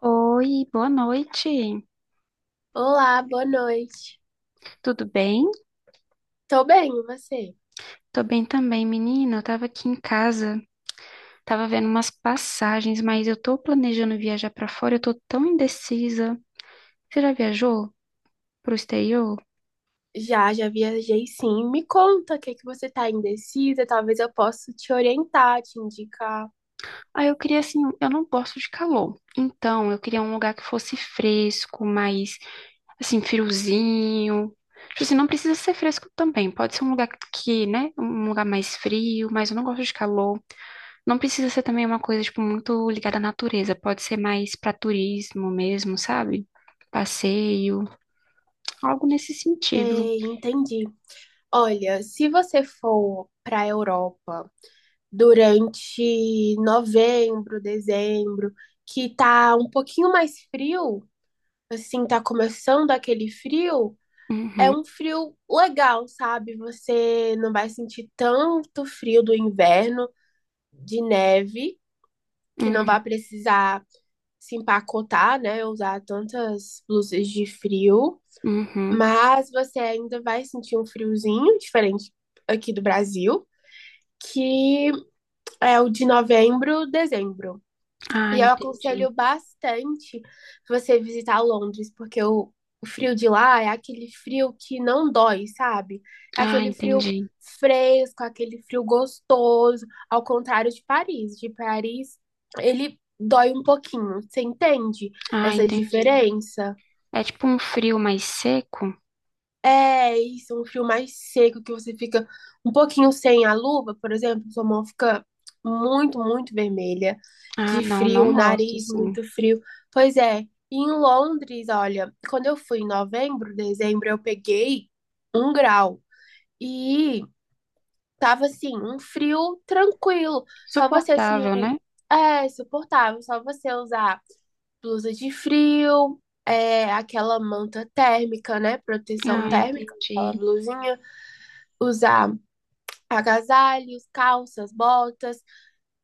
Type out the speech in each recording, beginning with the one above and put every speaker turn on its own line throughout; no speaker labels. Oi, boa noite.
Olá, boa noite.
Tudo bem?
Tô bem, e você?
Tô bem também, menina. Eu tava aqui em casa, tava vendo umas passagens, mas eu tô planejando viajar pra fora, eu tô tão indecisa. Você já viajou pro exterior?
Já viajei sim. Me conta o que que você tá indecisa, talvez eu possa te orientar, te indicar.
Ah, eu queria assim, eu não gosto de calor. Então, eu queria um lugar que fosse fresco, mais assim, friozinho. Tipo assim, não precisa ser fresco também. Pode ser um lugar que, né, um lugar mais frio, mas eu não gosto de calor. Não precisa ser também uma coisa, tipo, muito ligada à natureza. Pode ser mais para turismo mesmo, sabe? Passeio, algo nesse sentido.
Sei, entendi. Olha, se você for pra Europa durante novembro, dezembro, que tá um pouquinho mais frio, assim, tá começando aquele frio, é
Uhum,
um frio legal, sabe? Você não vai sentir tanto frio do inverno, de neve. Que não
uhum,
vai precisar se empacotar, né? Usar tantas blusas de frio,
uhum.
mas você ainda vai sentir um friozinho diferente aqui do Brasil, que é o de novembro, dezembro.
Ah,
E eu aconselho
entendi.
bastante você visitar Londres, porque o frio de lá é aquele frio que não dói, sabe? É
Ah,
aquele frio
entendi.
fresco, aquele frio gostoso, ao contrário de Paris. De Paris, ele dói um pouquinho, você entende
Ah,
essa
entendi.
diferença?
É tipo um frio mais seco?
É isso, um frio mais seco que você fica um pouquinho sem a luva, por exemplo, sua mão fica muito, muito vermelha,
Ah,
de
não,
frio,
não
o
gosto,
nariz
assim.
muito frio. Pois é, e em Londres, olha, quando eu fui em novembro, dezembro, eu peguei 1 grau e tava assim, um frio tranquilo, só você assim,
Suportável, né?
é suportável, só você usar blusa de frio, é, aquela manta térmica, né? Proteção
Ah,
térmica, aquela
entendi.
blusinha. Usar agasalhos, calças, botas.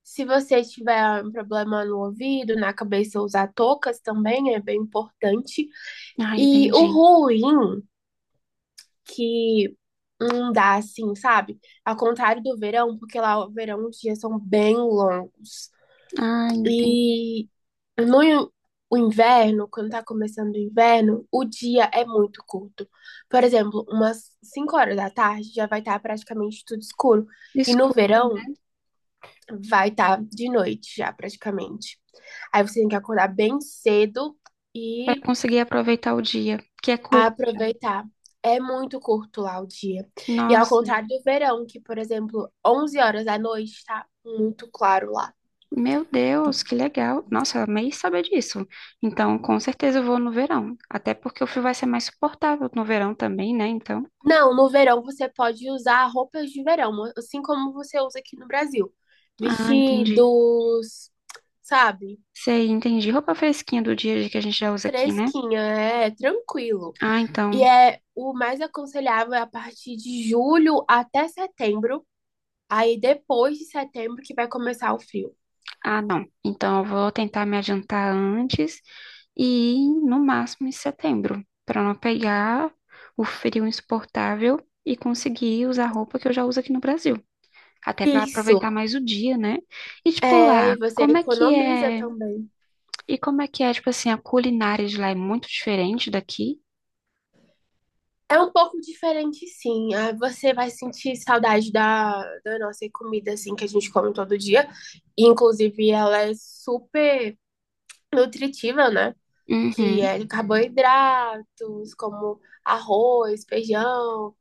Se você tiver um problema no ouvido, na cabeça, usar toucas também é bem importante.
Ah,
E o
entendi.
ruim que não dá assim, sabe? Ao contrário do verão, porque lá o verão os dias são bem longos.
Ah, entendi.
E No in- o inverno, quando tá começando o inverno, o dia é muito curto. Por exemplo, umas 5 horas da tarde já vai estar praticamente tudo escuro. E no
Desculpa, né?
verão vai estar de noite já praticamente. Aí você tem que acordar bem cedo
Para
e
conseguir aproveitar o dia, que é curto já.
aproveitar. É muito curto lá o dia. E ao
Nossa.
contrário do verão, que, por exemplo, 11 horas da noite tá muito claro lá.
Meu Deus, que legal. Nossa, eu amei saber disso. Então, com certeza eu vou no verão. Até porque o frio vai ser mais suportável no verão também, né? Então.
Não, no verão você pode usar roupas de verão, assim como você usa aqui no Brasil.
Ah, entendi.
Vestidos, sabe?
Sei, entendi. Roupa fresquinha do dia a dia que a gente já usa aqui, né?
Fresquinha, é tranquilo.
Ah,
E
então.
é o mais aconselhável é a partir de julho até setembro. Aí depois de setembro que vai começar o frio.
Ah, não. Então eu vou tentar me adiantar antes e ir no máximo em setembro, para não pegar o frio insuportável e conseguir usar roupa que eu já uso aqui no Brasil. Até para
Isso.
aproveitar mais o dia, né? E tipo
É,
lá,
e você
como é que
economiza
é.
também.
E como é que é, tipo assim, a culinária de lá é muito diferente daqui?
É um pouco diferente, sim. Ah, você vai sentir saudade da nossa comida, assim, que a gente come todo dia. Inclusive, ela é super nutritiva, né? Que
Uhum.
é de carboidratos, como arroz, feijão,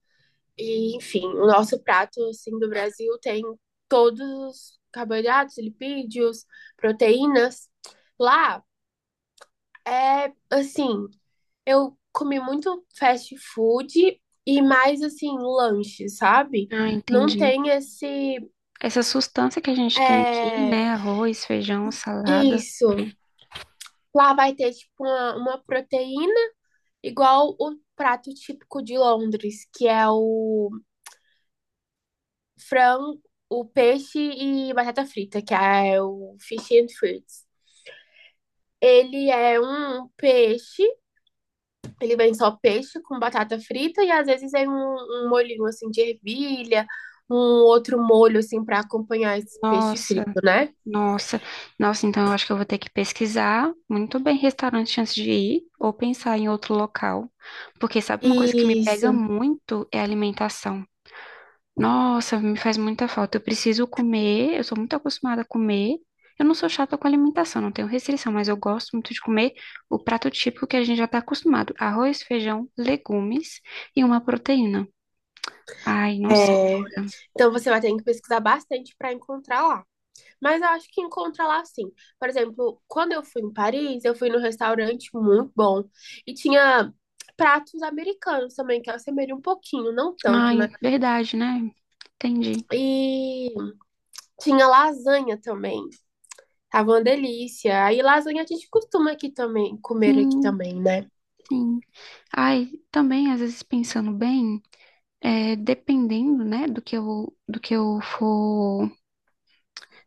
e, enfim, o nosso prato, assim, do Brasil tem todos os carboidratos, lipídios, proteínas. Lá é, assim, eu comi muito fast food e mais assim, lanche, sabe?
Ah,
Não
entendi.
tem esse.
Essa sustância que a gente tem aqui,
É,
né? Arroz, feijão, salada.
isso. Lá vai ter tipo uma proteína, igual o prato típico de Londres, que é o frango, o peixe e batata frita, que é o fish and fruits. Ele é um peixe Ele vem só peixe com batata frita e às vezes vem um molhinho assim de ervilha, um outro molho assim para acompanhar esse peixe
Nossa,
frito, né?
nossa. Nossa, então eu acho que eu vou ter que pesquisar muito bem restaurante antes de ir ou pensar em outro local. Porque sabe uma coisa que me
Isso.
pega muito é a alimentação. Nossa, me faz muita falta. Eu preciso comer, eu sou muito acostumada a comer. Eu não sou chata com alimentação, não tenho restrição, mas eu gosto muito de comer o prato típico que a gente já está acostumado: arroz, feijão, legumes e uma proteína. Ai, não sei
É.
agora.
Então você vai ter que pesquisar bastante para encontrar lá. Mas eu acho que encontra lá sim. Por exemplo, quando eu fui em Paris, eu fui num restaurante muito bom e tinha pratos americanos também, que assemelham um pouquinho, não tanto,
Ai,
né?
verdade, né? Entendi.
E tinha lasanha também. Tava uma delícia. Aí lasanha a gente costuma aqui também, comer aqui
Sim,
também, né?
sim. Ai, também, às vezes, pensando bem, é, dependendo, né, do que eu for.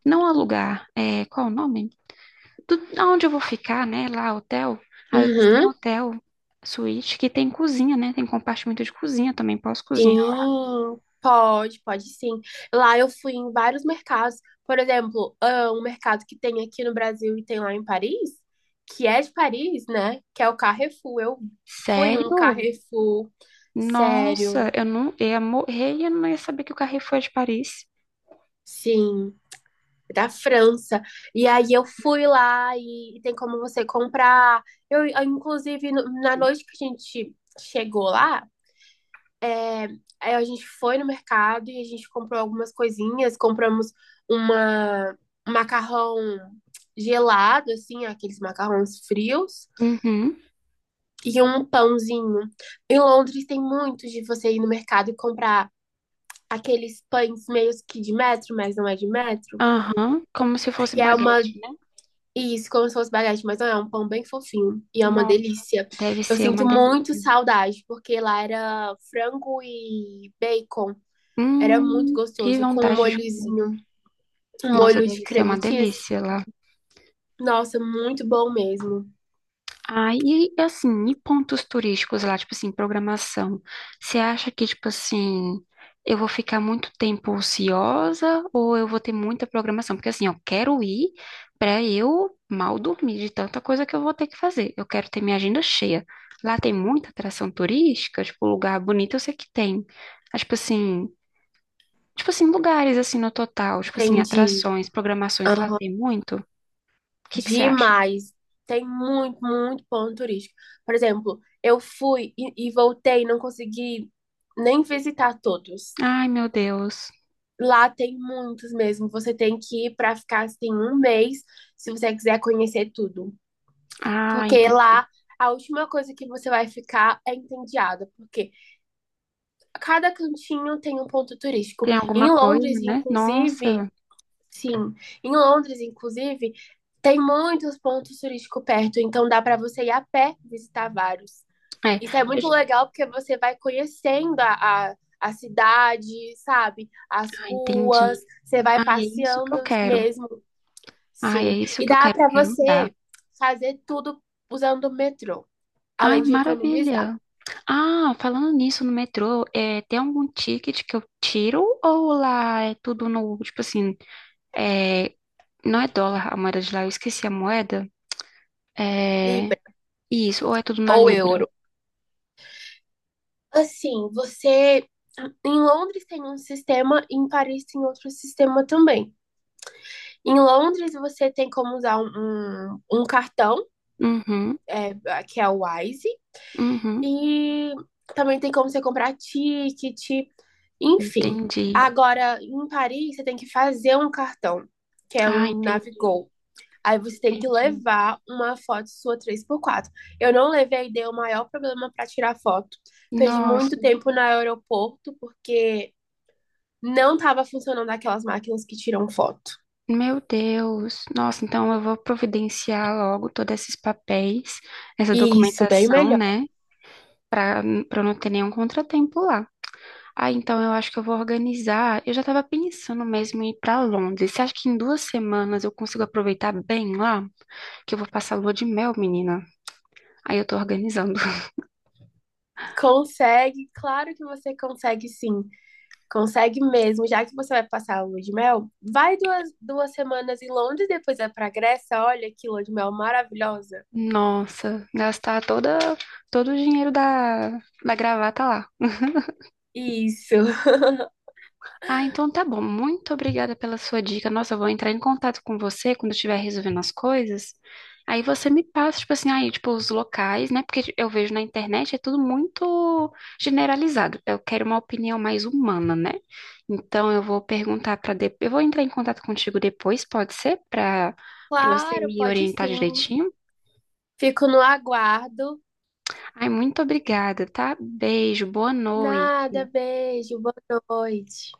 Não alugar, é, qual o nome? Do, aonde eu vou ficar, né? Lá, hotel. Às vezes tem
Uhum.
hotel, suíte, que tem cozinha, né? Tem compartimento de cozinha também, posso cozinhar.
Sim, pode sim. Lá eu fui em vários mercados. Por exemplo, ah, um mercado que tem aqui no Brasil e tem lá em Paris, que é de Paris, né? Que é o Carrefour. Eu fui em um
Sério?
Carrefour,
Nossa,
sério,
eu não eu ia morrer e eu não ia saber que o Carrefour é de Paris.
sim, da França. E aí eu fui lá e tem como você comprar. Eu, inclusive, na noite que a gente chegou lá, aí a gente foi no mercado e a gente comprou algumas coisinhas, compramos uma um macarrão gelado, assim, aqueles macarrões frios,
Uhum,
e um pãozinho. Em Londres tem muito de você ir no mercado e comprar aqueles pães meio que de metro, mas não é de metro.
aham. Como se fosse
E é uma.
baguete, né?
Isso, como se fosse baguete, mas não é, é um pão bem fofinho. E é uma
Nossa,
delícia.
deve
Eu
ser uma
sinto muito
delícia.
saudade, porque lá era frango e bacon. Era muito
Que
gostoso, com um
vontade de...
molhozinho Um
Nossa,
molho de
deve ser
creme
uma
cheese.
delícia lá.
Nossa, muito bom mesmo.
Ah, e assim, e pontos turísticos lá, tipo assim, programação. Você acha que, tipo assim, eu vou ficar muito tempo ociosa ou eu vou ter muita programação? Porque assim, eu quero ir pra eu mal dormir de tanta coisa que eu vou ter que fazer. Eu quero ter minha agenda cheia. Lá tem muita atração turística, tipo, lugar bonito eu sei que tem. Mas, tipo assim, lugares assim no total, tipo assim,
Entendi.
atrações, programações, lá
Aham.
tem muito. O que que você acha?
Demais. Tem muito, muito ponto turístico. Por exemplo, eu fui e voltei, não consegui nem visitar todos.
Ai, meu Deus.
Lá tem muitos mesmo. Você tem que ir para ficar assim um mês, se você quiser conhecer tudo.
Ah,
Porque
entendi.
lá a última coisa que você vai ficar é entediada, porque cada cantinho tem um ponto turístico.
Tem alguma
Em
coisa,
Londres,
né?
inclusive,
Nossa,
sim, em Londres, inclusive, tem muitos pontos turísticos perto, então dá para você ir a pé visitar vários.
é.
Isso é muito legal porque você vai conhecendo a cidade, sabe? As
Ah, entendi.
ruas, você vai
Ai, é isso que eu
passeando
quero.
mesmo.
Ai, é
Sim,
isso
e
que eu
dá
quero. Eu
para
quero mudar.
você fazer tudo usando o metrô,
Ai,
além de economizar
maravilha. Ah, falando nisso, no metrô, é, tem algum ticket que eu tiro ou lá é tudo no, tipo assim, é, não é dólar a moeda de lá, eu esqueci a moeda. É,
libra
isso, ou é tudo na
ou
libra?
euro. Assim, você em Londres tem um sistema, em Paris tem outro sistema também. Em Londres, você tem como usar um cartão,
Uhum,
é, que é o Wise,
uhum,
e também tem como você comprar ticket, enfim.
entendi.
Agora, em Paris, você tem que fazer um cartão, que é
Ah,
o
entendi,
Navigo. Aí você tem que
entendi.
levar uma foto sua 3x4. Eu não levei, deu o maior problema para tirar foto. Perdi muito
Nossa.
tempo no aeroporto, porque não estava funcionando aquelas máquinas que tiram foto.
Meu Deus, nossa, então eu vou providenciar logo todos esses papéis, essa
Isso, bem
documentação,
melhor.
né? Para para não ter nenhum contratempo lá. Ah, então eu acho que eu vou organizar. Eu já estava pensando mesmo em ir para Londres. Você acha que em 2 semanas eu consigo aproveitar bem lá? Que eu vou passar lua de mel, menina. Aí eu tô organizando.
Consegue, claro que você consegue sim. Consegue mesmo, já que você vai passar a lua de mel, vai duas semanas em Londres, depois vai pra Grécia, olha que lua de mel maravilhosa.
Nossa, gastar todo o dinheiro da gravata lá.
Isso.
Ah, então tá bom. Muito obrigada pela sua dica. Nossa, eu vou entrar em contato com você quando eu estiver resolvendo as coisas. Aí você me passa, tipo assim, aí, tipo, os locais, né? Porque eu vejo na internet é tudo muito generalizado. Eu quero uma opinião mais humana, né? Então eu vou perguntar para depois. Eu vou entrar em contato contigo depois, pode ser? Para você
Claro,
me
pode
orientar
sim.
direitinho.
Fico no aguardo.
Ai, muito obrigada, tá? Beijo, boa
Nada,
noite.
beijo, boa noite.